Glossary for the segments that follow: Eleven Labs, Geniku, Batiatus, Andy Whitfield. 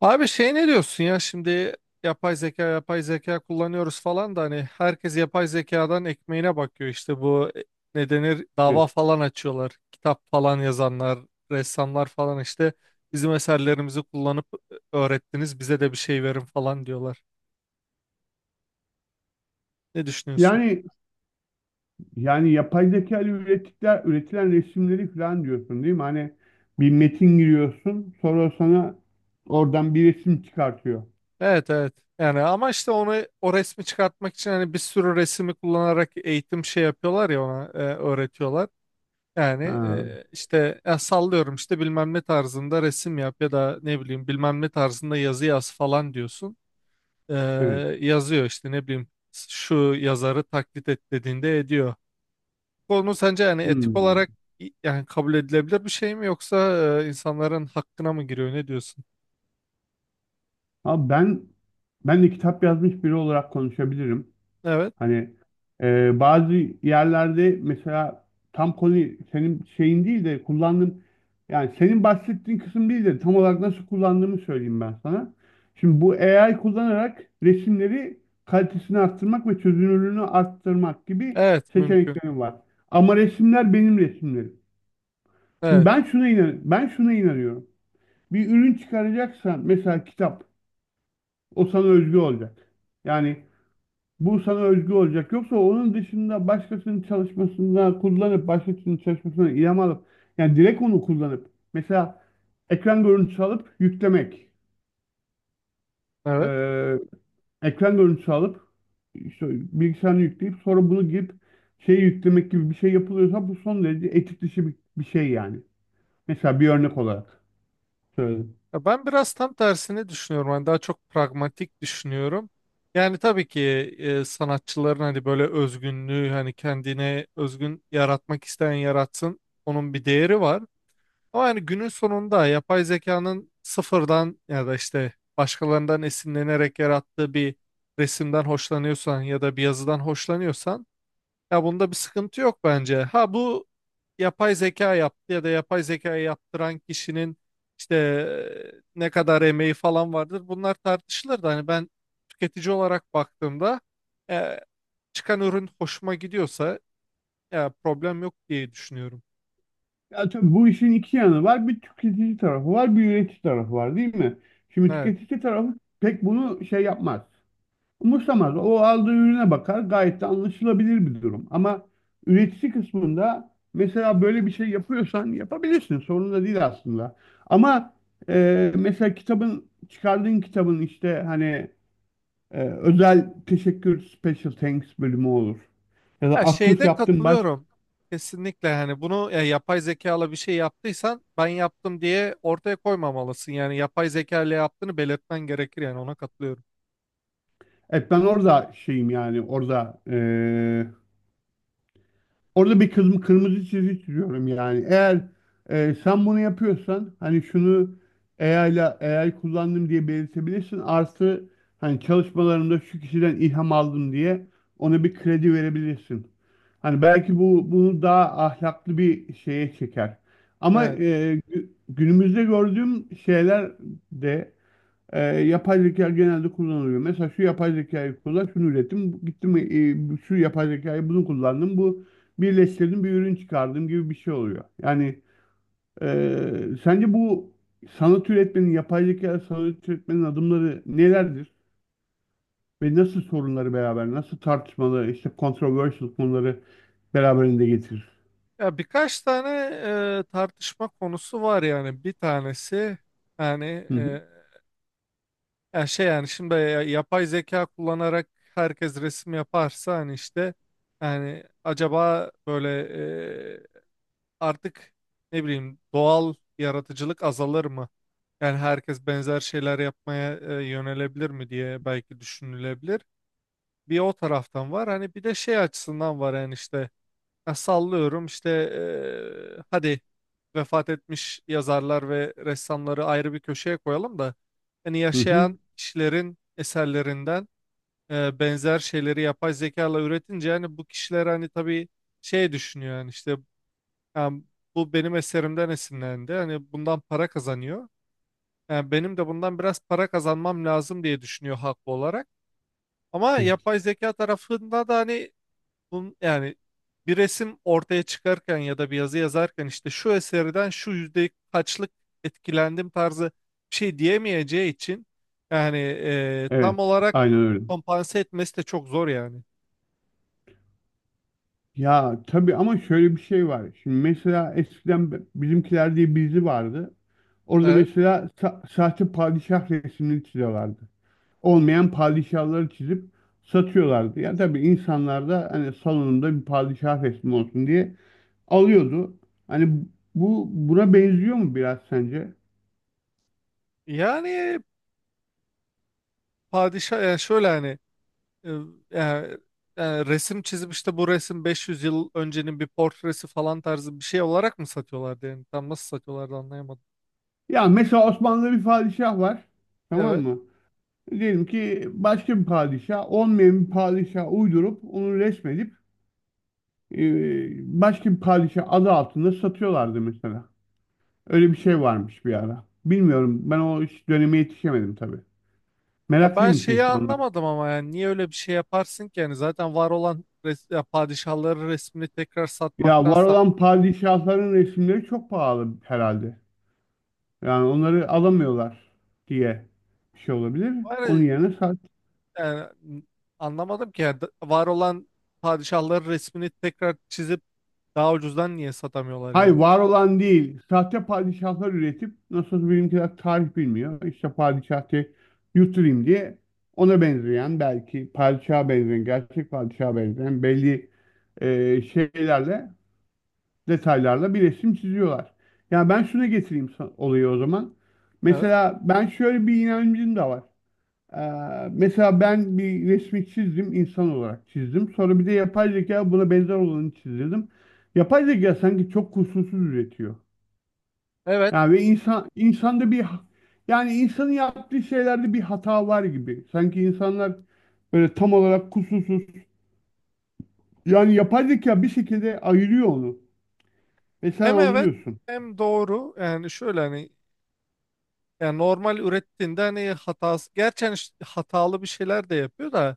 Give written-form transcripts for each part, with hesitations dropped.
Abi ne diyorsun ya şimdi yapay zeka kullanıyoruz falan da hani herkes yapay zekadan ekmeğine bakıyor işte ne denir Evet. dava falan açıyorlar, kitap falan yazanlar, ressamlar falan işte bizim eserlerimizi kullanıp öğrettiniz, bize de bir şey verin falan diyorlar. Ne düşünüyorsun? Yani yani yapay zeka ile üretilen resimleri falan diyorsun değil mi? Hani bir metin giriyorsun, sonra sana oradan bir resim çıkartıyor. Evet, evet, yani ama işte onu, o resmi çıkartmak için hani bir sürü resmi kullanarak eğitim yapıyorlar ya, ona öğretiyorlar. Yani Ha. İşte ya sallıyorum, işte bilmem ne tarzında resim yap ya da ne bileyim bilmem ne tarzında yazı yaz falan diyorsun. Ee, Evet. Yazıyor işte, ne bileyim şu yazarı taklit et dediğinde ediyor. Konu sence yani etik Hmm. olarak yani kabul edilebilir bir şey mi, yoksa insanların hakkına mı giriyor, ne diyorsun? Abi ben de kitap yazmış biri olarak konuşabilirim. Evet. Hani bazı yerlerde mesela tam konu senin şeyin değil de kullandığım, yani senin bahsettiğin kısım değil de tam olarak nasıl kullandığımı söyleyeyim ben sana. Şimdi bu AI kullanarak resimleri kalitesini arttırmak ve çözünürlüğünü arttırmak gibi Evet, mümkün. seçeneklerim var. Ama resimler benim resimlerim. Şimdi Evet. Ben şuna inanıyorum. Bir ürün çıkaracaksan, mesela kitap, o sana özgü olacak. Yani bu sana özgü olacak. Yoksa onun dışında başkasının çalışmasına kullanıp, başkasının çalışmasına ilham alıp, yani direkt onu kullanıp, mesela ekran görüntüsü alıp yüklemek, Evet. Ee, ekran görüntüsü alıp işte bilgisayarını yükleyip sonra bunu girip şey yüklemek gibi bir şey yapılıyorsa bu son derece etik dışı bir şey yani. Mesela bir örnek olarak söyledim. Ya ben biraz tam tersini düşünüyorum. Hani daha çok pragmatik düşünüyorum. Yani tabii ki sanatçıların hani böyle özgünlüğü, hani kendine özgün yaratmak isteyen yaratsın. Onun bir değeri var. Ama yani günün sonunda yapay zekanın sıfırdan ya da işte başkalarından esinlenerek yarattığı bir resimden hoşlanıyorsan ya da bir yazıdan hoşlanıyorsan, ya bunda bir sıkıntı yok bence. Ha bu yapay zeka yaptı ya da yapay zekayı yaptıran kişinin işte ne kadar emeği falan vardır. Bunlar tartışılır da hani ben tüketici olarak baktığımda e, çıkan ürün hoşuma gidiyorsa ya problem yok diye düşünüyorum. Ya tabii bu işin iki yanı var. Bir tüketici tarafı var, bir üretici tarafı var, değil mi? Şimdi Evet. tüketici tarafı pek bunu şey yapmaz. Umursamaz. O aldığı ürüne bakar. Gayet de anlaşılabilir bir durum. Ama üretici kısmında mesela böyle bir şey yapıyorsan yapabilirsin. Sorun da değil aslında. Ama mesela kitabın, çıkardığın kitabın işte hani özel teşekkür, special thanks bölümü olur. Ya da Ya atıf şeyde yaptığın başka. katılıyorum. Kesinlikle hani bunu, ya yapay zekayla bir şey yaptıysan ben yaptım diye ortaya koymamalısın. Yani yapay zeka ile yaptığını belirtmen gerekir, yani ona katılıyorum. Evet, ben orada şeyim yani orada bir kırmızı çizgi çiziyorum yani. Eğer sen bunu yapıyorsan, hani şunu, AI ile AI kullandım diye belirtebilirsin. Artı hani çalışmalarımda şu kişiden ilham aldım diye ona bir kredi verebilirsin. Hani belki bu bunu daha ahlaklı bir şeye çeker. Ama Evet. Günümüzde gördüğüm şeyler de yapay zeka genelde kullanılıyor. Mesela şu yapay zekayı kullan, şunu ürettim. Gittim, şu yapay zekayı bunu kullandım. Bu birleştirdim, bir ürün çıkardım gibi bir şey oluyor. Yani sence bu sanat üretmenin, yapay zeka sanat üretmenin adımları nelerdir? Ve nasıl sorunları beraber, nasıl tartışmalı, işte controversial konuları beraberinde getirir? Ya birkaç tane tartışma konusu var, yani bir tanesi, yani Hı hı, e, yani şimdi yapay zeka kullanarak herkes resim yaparsa hani işte, yani acaba böyle e, artık ne bileyim doğal yaratıcılık azalır mı? Yani herkes benzer şeyler yapmaya yönelebilir mi diye belki düşünülebilir. Bir o taraftan var, hani bir de şey açısından var yani, işte ya sallıyorum, işte hadi vefat etmiş yazarlar ve ressamları ayrı bir köşeye koyalım da hani hı hı. yaşayan kişilerin eserlerinden benzer şeyleri yapay zekayla üretince yani bu kişiler hani tabii şey düşünüyor, yani işte yani bu benim eserimden esinlendi, hani bundan para kazanıyor. Yani benim de bundan biraz para kazanmam lazım diye düşünüyor haklı olarak. Ama Evet, yapay zeka tarafında da hani bunun, yani bir resim ortaya çıkarken ya da bir yazı yazarken işte şu eserden şu yüzde kaçlık etkilendim tarzı bir şey diyemeyeceği için yani evet, tam olarak aynen öyle. kompanse etmesi de çok zor yani. Ya tabii, ama şöyle bir şey var. Şimdi mesela eskiden Bizimkiler diye bir dizi vardı. Orada Evet. mesela sahte padişah resmini çiziyorlardı. Olmayan padişahları çizip satıyorlardı. Ya tabii insanlar da hani salonunda bir padişah resmi olsun diye alıyordu. Hani bu buna benziyor mu biraz sence? Yani padişah, yani şöyle hani e, yani, yani resim çizip işte bu resim 500 yıl öncenin bir portresi falan tarzı bir şey olarak mı satıyorlardı, yani tam nasıl satıyorlardı anlayamadım. Ya mesela Osmanlı'da bir padişah var. Tamam Evet. mı? Diyelim ki başka bir padişah, olmayan bir padişah uydurup onu resmedip, e, başka bir padişah adı altında satıyorlardı mesela. Öyle bir şey varmış bir ara. Bilmiyorum. Ben o döneme yetişemedim tabii. Ya ben Meraklıymış şeyi insanlar. anlamadım ama, yani niye öyle bir şey yaparsın ki, yani zaten var olan res, ya padişahların resmini tekrar Ya var satmaktansa olan padişahların resimleri çok pahalı herhalde. Yani onları alamıyorlar diye bir şey olabilir. var ya, Onun yerine sahte. yani n- anlamadım ki yani, var olan padişahları resmini tekrar çizip daha ucuzdan niye satamıyorlar Hayır, yani? var olan değil. Sahte padişahlar üretip, nasıl bizimkiler tarih bilmiyor. İşte padişahı yutturayım diye ona benzeyen, belki padişaha benzeyen, gerçek padişaha benzeyen belli şeylerle, detaylarla bir resim çiziyorlar. Ya ben şuna getireyim olayı o zaman. Evet. Mesela ben şöyle bir inancım da var. Mesela ben bir resmi çizdim, insan olarak çizdim. Sonra bir de yapay zeka buna benzer olanı çizdirdim. Yapay zeka sanki çok kusursuz üretiyor. Evet. Yani ve insan insanda bir ha- yani insanın yaptığı şeylerde bir hata var gibi. Sanki insanlar böyle tam olarak kusursuz. Yani yapay zeka bir şekilde ayırıyor onu ve sen Hem evet anlıyorsun. hem doğru. Yani şöyle hani, yani normal ürettiğinde hani hatası, gerçekten hatalı bir şeyler de yapıyor da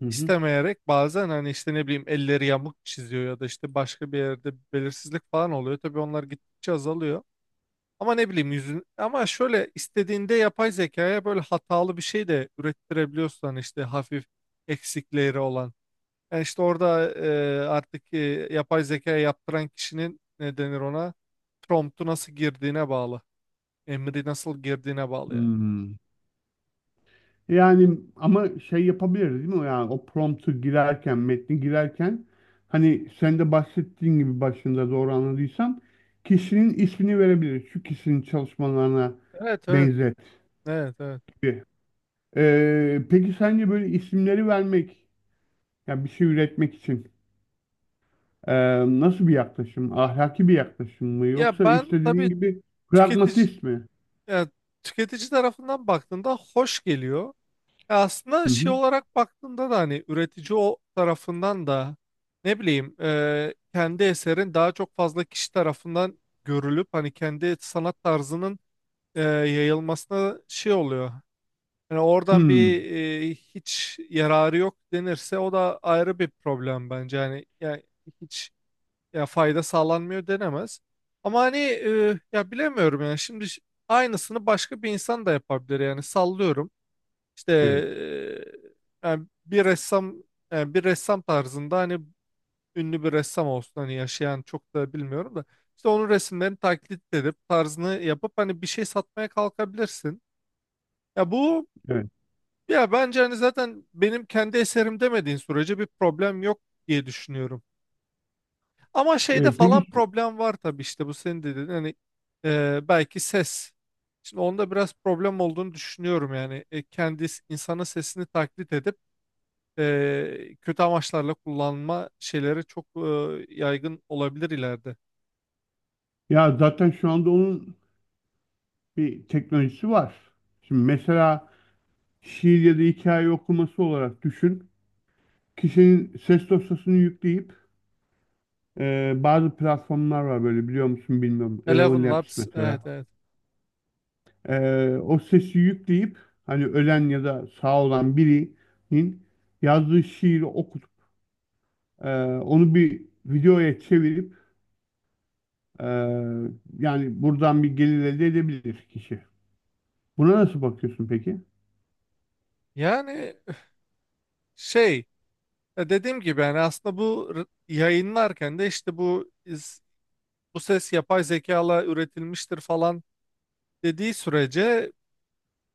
Hı hı. istemeyerek, bazen hani işte ne bileyim elleri yamuk çiziyor ya da işte başka bir yerde belirsizlik falan oluyor. Tabii onlar gittikçe azalıyor. Ama ne bileyim yüzün, ama şöyle istediğinde yapay zekaya böyle hatalı bir şey de ürettirebiliyorsun, hani işte hafif eksikleri olan. Yani işte orada artık yapay zekaya yaptıran kişinin ne denir, ona promptu nasıl girdiğine bağlı. Emri nasıl girdiğine bağlı yani. Hmm. Yani ama şey yapabiliriz, değil mi? Yani o promptu girerken, metni girerken, hani sen de bahsettiğin gibi başında, doğru anladıysam, kişinin ismini verebiliriz. Şu kişinin çalışmalarına Evet evet benzet evet evet. gibi. Peki sence böyle isimleri vermek, yani bir şey üretmek için, ee, nasıl bir yaklaşım? Ahlaki bir yaklaşım mı? Ya Yoksa ben işte dediğin tabii gibi tüketici, pragmatist mi? yani tüketici tarafından baktığında hoş geliyor. Ya aslında Hı şey hı. olarak baktığında da hani üretici o tarafından da ne bileyim kendi eserin daha çok fazla kişi tarafından görülüp, hani kendi sanat tarzının yayılmasına şey oluyor. Yani oradan Hmm, bir hiç yararı yok denirse, o da ayrı bir problem bence. Yani, yani hiç, ya fayda sağlanmıyor denemez. Ama hani ya bilemiyorum yani şimdi aynısını başka bir insan da yapabilir yani, sallıyorum. İşte evet, yani bir ressam, yani bir ressam tarzında hani ünlü bir ressam olsun, hani yaşayan çok da bilmiyorum da işte onun resimlerini taklit edip tarzını yapıp hani bir şey satmaya kalkabilirsin. Ya bu, evet. ya bence hani zaten benim kendi eserim demediğin sürece bir problem yok diye düşünüyorum. Ama Ee, şeyde falan peki problem var tabii, işte bu senin dediğin hani belki ses. Şimdi onda biraz problem olduğunu düşünüyorum yani, kendi insanın sesini taklit edip kötü amaçlarla kullanma şeyleri çok yaygın olabilir ileride. ya zaten şu anda onun bir teknolojisi var. Şimdi mesela şiir ya da hikaye okuması olarak düşün. Kişinin ses dosyasını yükleyip, bazı platformlar var, böyle biliyor musun bilmiyorum. Eleven Eleven Labs Labs, evet mesela. evet. E, o sesi yükleyip hani ölen ya da sağ olan birinin yazdığı şiiri okutup, onu bir videoya çevirip, e, yani buradan bir gelir elde edebilir kişi. Buna nasıl bakıyorsun peki? Yani şey dediğim gibi, yani aslında yayınlarken de işte bu ses yapay zekayla üretilmiştir falan dediği sürece.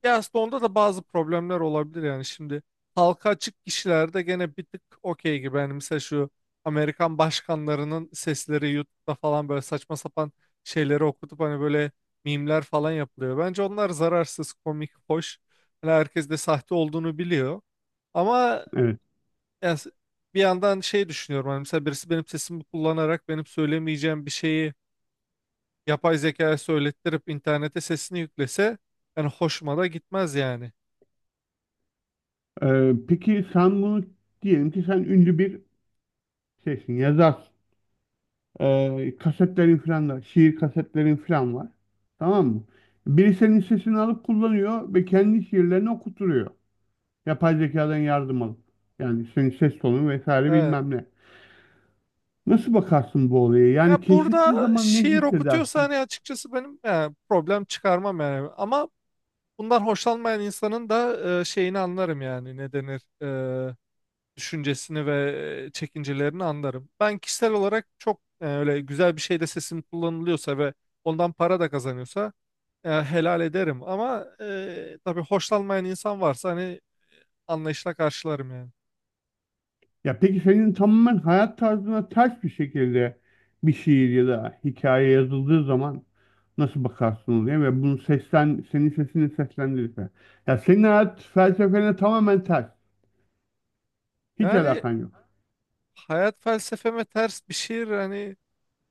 Ya aslında onda da bazı problemler olabilir yani şimdi, halka açık kişilerde gene bir tık okey gibi, yani mesela şu Amerikan başkanlarının sesleri YouTube'da falan böyle saçma sapan şeyleri okutup hani böyle mimler falan yapılıyor. Bence onlar zararsız, komik, hoş. Hani herkes de sahte olduğunu biliyor. Ama Evet. yani s- bir yandan şey düşünüyorum, hani mesela birisi benim sesimi kullanarak benim söyleyemeyeceğim bir şeyi yapay zekaya söylettirip internete sesini yüklese, yani hoşuma da gitmez yani. Peki sen bunu, diyelim ki sen ünlü bir şeysin, yazarsın. Kasetlerin falan da, şiir kasetlerin falan var. Tamam mı? Biri senin sesini alıp kullanıyor ve kendi şiirlerini okutturuyor. Yapay zekadan yardım alıp. Yani senin ses tonun vesaire Evet. bilmem ne. Nasıl bakarsın bu olaya? Ya Yani keşfettiğin burada zaman ne şiir okutuyorsa hissedersin? hani açıkçası benim yani problem çıkarmam yani. Ama bundan hoşlanmayan insanın da şeyini anlarım yani, ne denir e, düşüncesini ve çekincelerini anlarım. Ben kişisel olarak çok öyle güzel bir şeyde sesim kullanılıyorsa ve ondan para da kazanıyorsa helal ederim. Ama tabii hoşlanmayan insan varsa hani anlayışla karşılarım yani. Ya peki senin tamamen hayat tarzına ters bir şekilde bir şiir ya da hikaye yazıldığı zaman nasıl bakarsın diye, ve bunu senin sesini seslendirirse. Ya senin hayat felsefene tamamen ters. Hiç Yani alakan yok. hayat felsefeme ters bir şiir hani,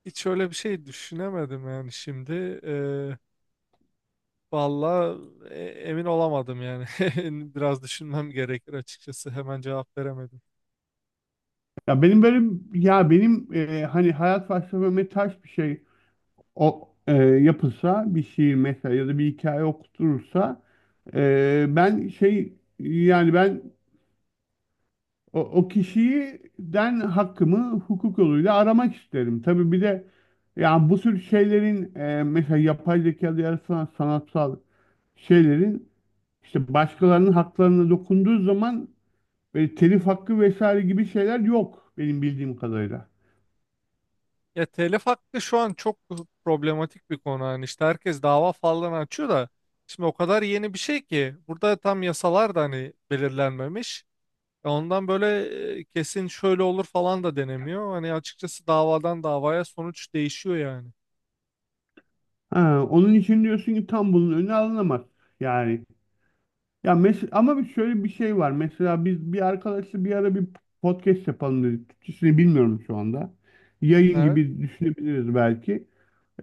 hiç öyle bir şey düşünemedim yani şimdi. Eee Valla emin olamadım yani. Biraz düşünmem gerekir açıkçası. Hemen cevap veremedim. Ya benim böyle ya benim hani hayat felsefeme ters bir şey o yapılsa, bir şiir mesela ya da bir hikaye okutulursa, e, ben şey yani ben o kişiden hakkımı hukuk yoluyla aramak isterim. Tabii bir de yani bu tür şeylerin, mesela yapay zekada yaratılan sanatsal şeylerin işte başkalarının haklarına dokunduğu zaman, böyle telif hakkı vesaire gibi şeyler yok benim bildiğim kadarıyla. Ya telif hakkı şu an çok problematik bir konu. Yani işte herkes dava falan açıyor da şimdi o kadar yeni bir şey ki burada tam yasalar da hani belirlenmemiş. E ondan böyle kesin şöyle olur falan da denemiyor. Hani açıkçası davadan davaya sonuç değişiyor yani. Ha, onun için diyorsun ki tam bunun önü alınamaz. Yani, ya ama şöyle bir şey var. Mesela biz bir arkadaşla bir ara bir podcast yapalım dedik. Türkçesini bilmiyorum şu anda. Yayın Evet. gibi düşünebiliriz belki.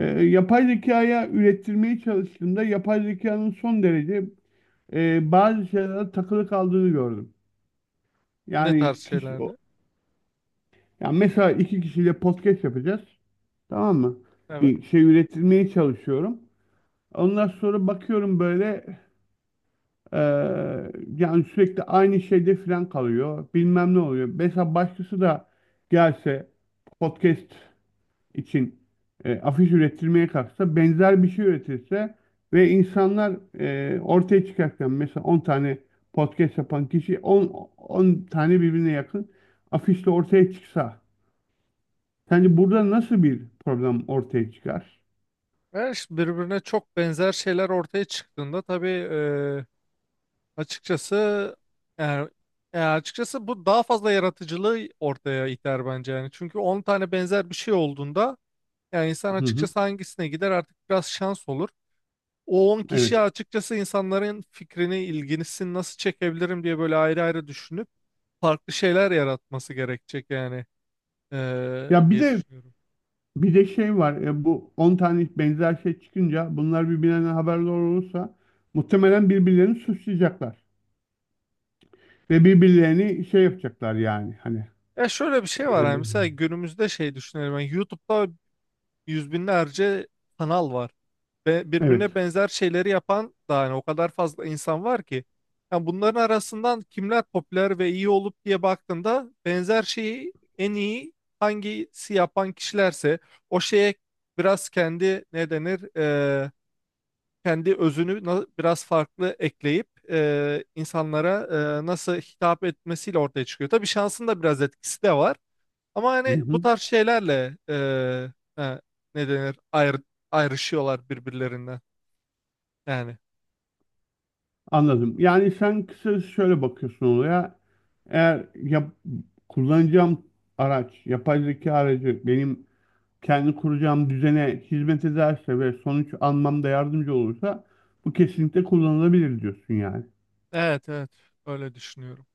E, yapay zekaya ürettirmeye çalıştığımda yapay zekanın son derece bazı şeylere takılı kaldığını gördüm. Ne tarz Yani kişi, şeylerde? yani mesela iki kişiyle podcast yapacağız. Tamam mı? Bir şey ürettirmeye çalışıyorum. Ondan sonra bakıyorum böyle, e, yani sürekli aynı şeyde falan kalıyor. Bilmem ne oluyor. Mesela başkası da gelse podcast için afiş ürettirmeye kalksa, benzer bir şey üretirse ve insanlar ortaya çıkarken, mesela 10 tane podcast yapan kişi 10 tane birbirine yakın afişle ortaya çıksa, sence burada nasıl bir problem ortaya çıkar? Ve işte birbirine çok benzer şeyler ortaya çıktığında tabii açıkçası yani, açıkçası bu daha fazla yaratıcılığı ortaya iter bence yani. Çünkü 10 tane benzer bir şey olduğunda yani insan Hı hı, açıkçası hangisine gider, artık biraz şans olur. O 10 kişi evet. açıkçası insanların fikrini, ilgisini nasıl çekebilirim diye böyle ayrı ayrı düşünüp farklı şeyler yaratması gerekecek yani Ya bir diye de düşünüyorum. Şey var. Bu 10 tane benzer şey çıkınca bunlar birbirlerinden haberdar olursa muhtemelen birbirlerini suçlayacaklar ve birbirlerini şey yapacaklar yani hani. Ya şöyle bir şey var, yani mesela e, günümüzde şey düşünelim, yani YouTube'da 100 binlerce kanal var. Ve Evet. birbirine benzer şeyleri yapan da hani o kadar fazla insan var ki. Yani bunların arasından kimler popüler ve iyi olup diye baktığında, benzer şeyi en iyi hangisi yapan kişilerse o şeye biraz kendi ne denir kendi özünü biraz farklı ekleyip insanlara nasıl hitap etmesiyle ortaya çıkıyor. Tabii şansın da biraz etkisi de var. Ama Hı hani bu hı, tarz şeylerle ne denir ayrı, ayrışıyorlar birbirlerinden. Yani anladım. Yani sen kısacası şöyle bakıyorsun olaya. Eğer kullanacağım araç, yapay zeka aracı benim kendi kuracağım düzene hizmet ederse ve sonuç almamda yardımcı olursa, bu kesinlikle kullanılabilir diyorsun yani. evet, evet, öyle düşünüyorum.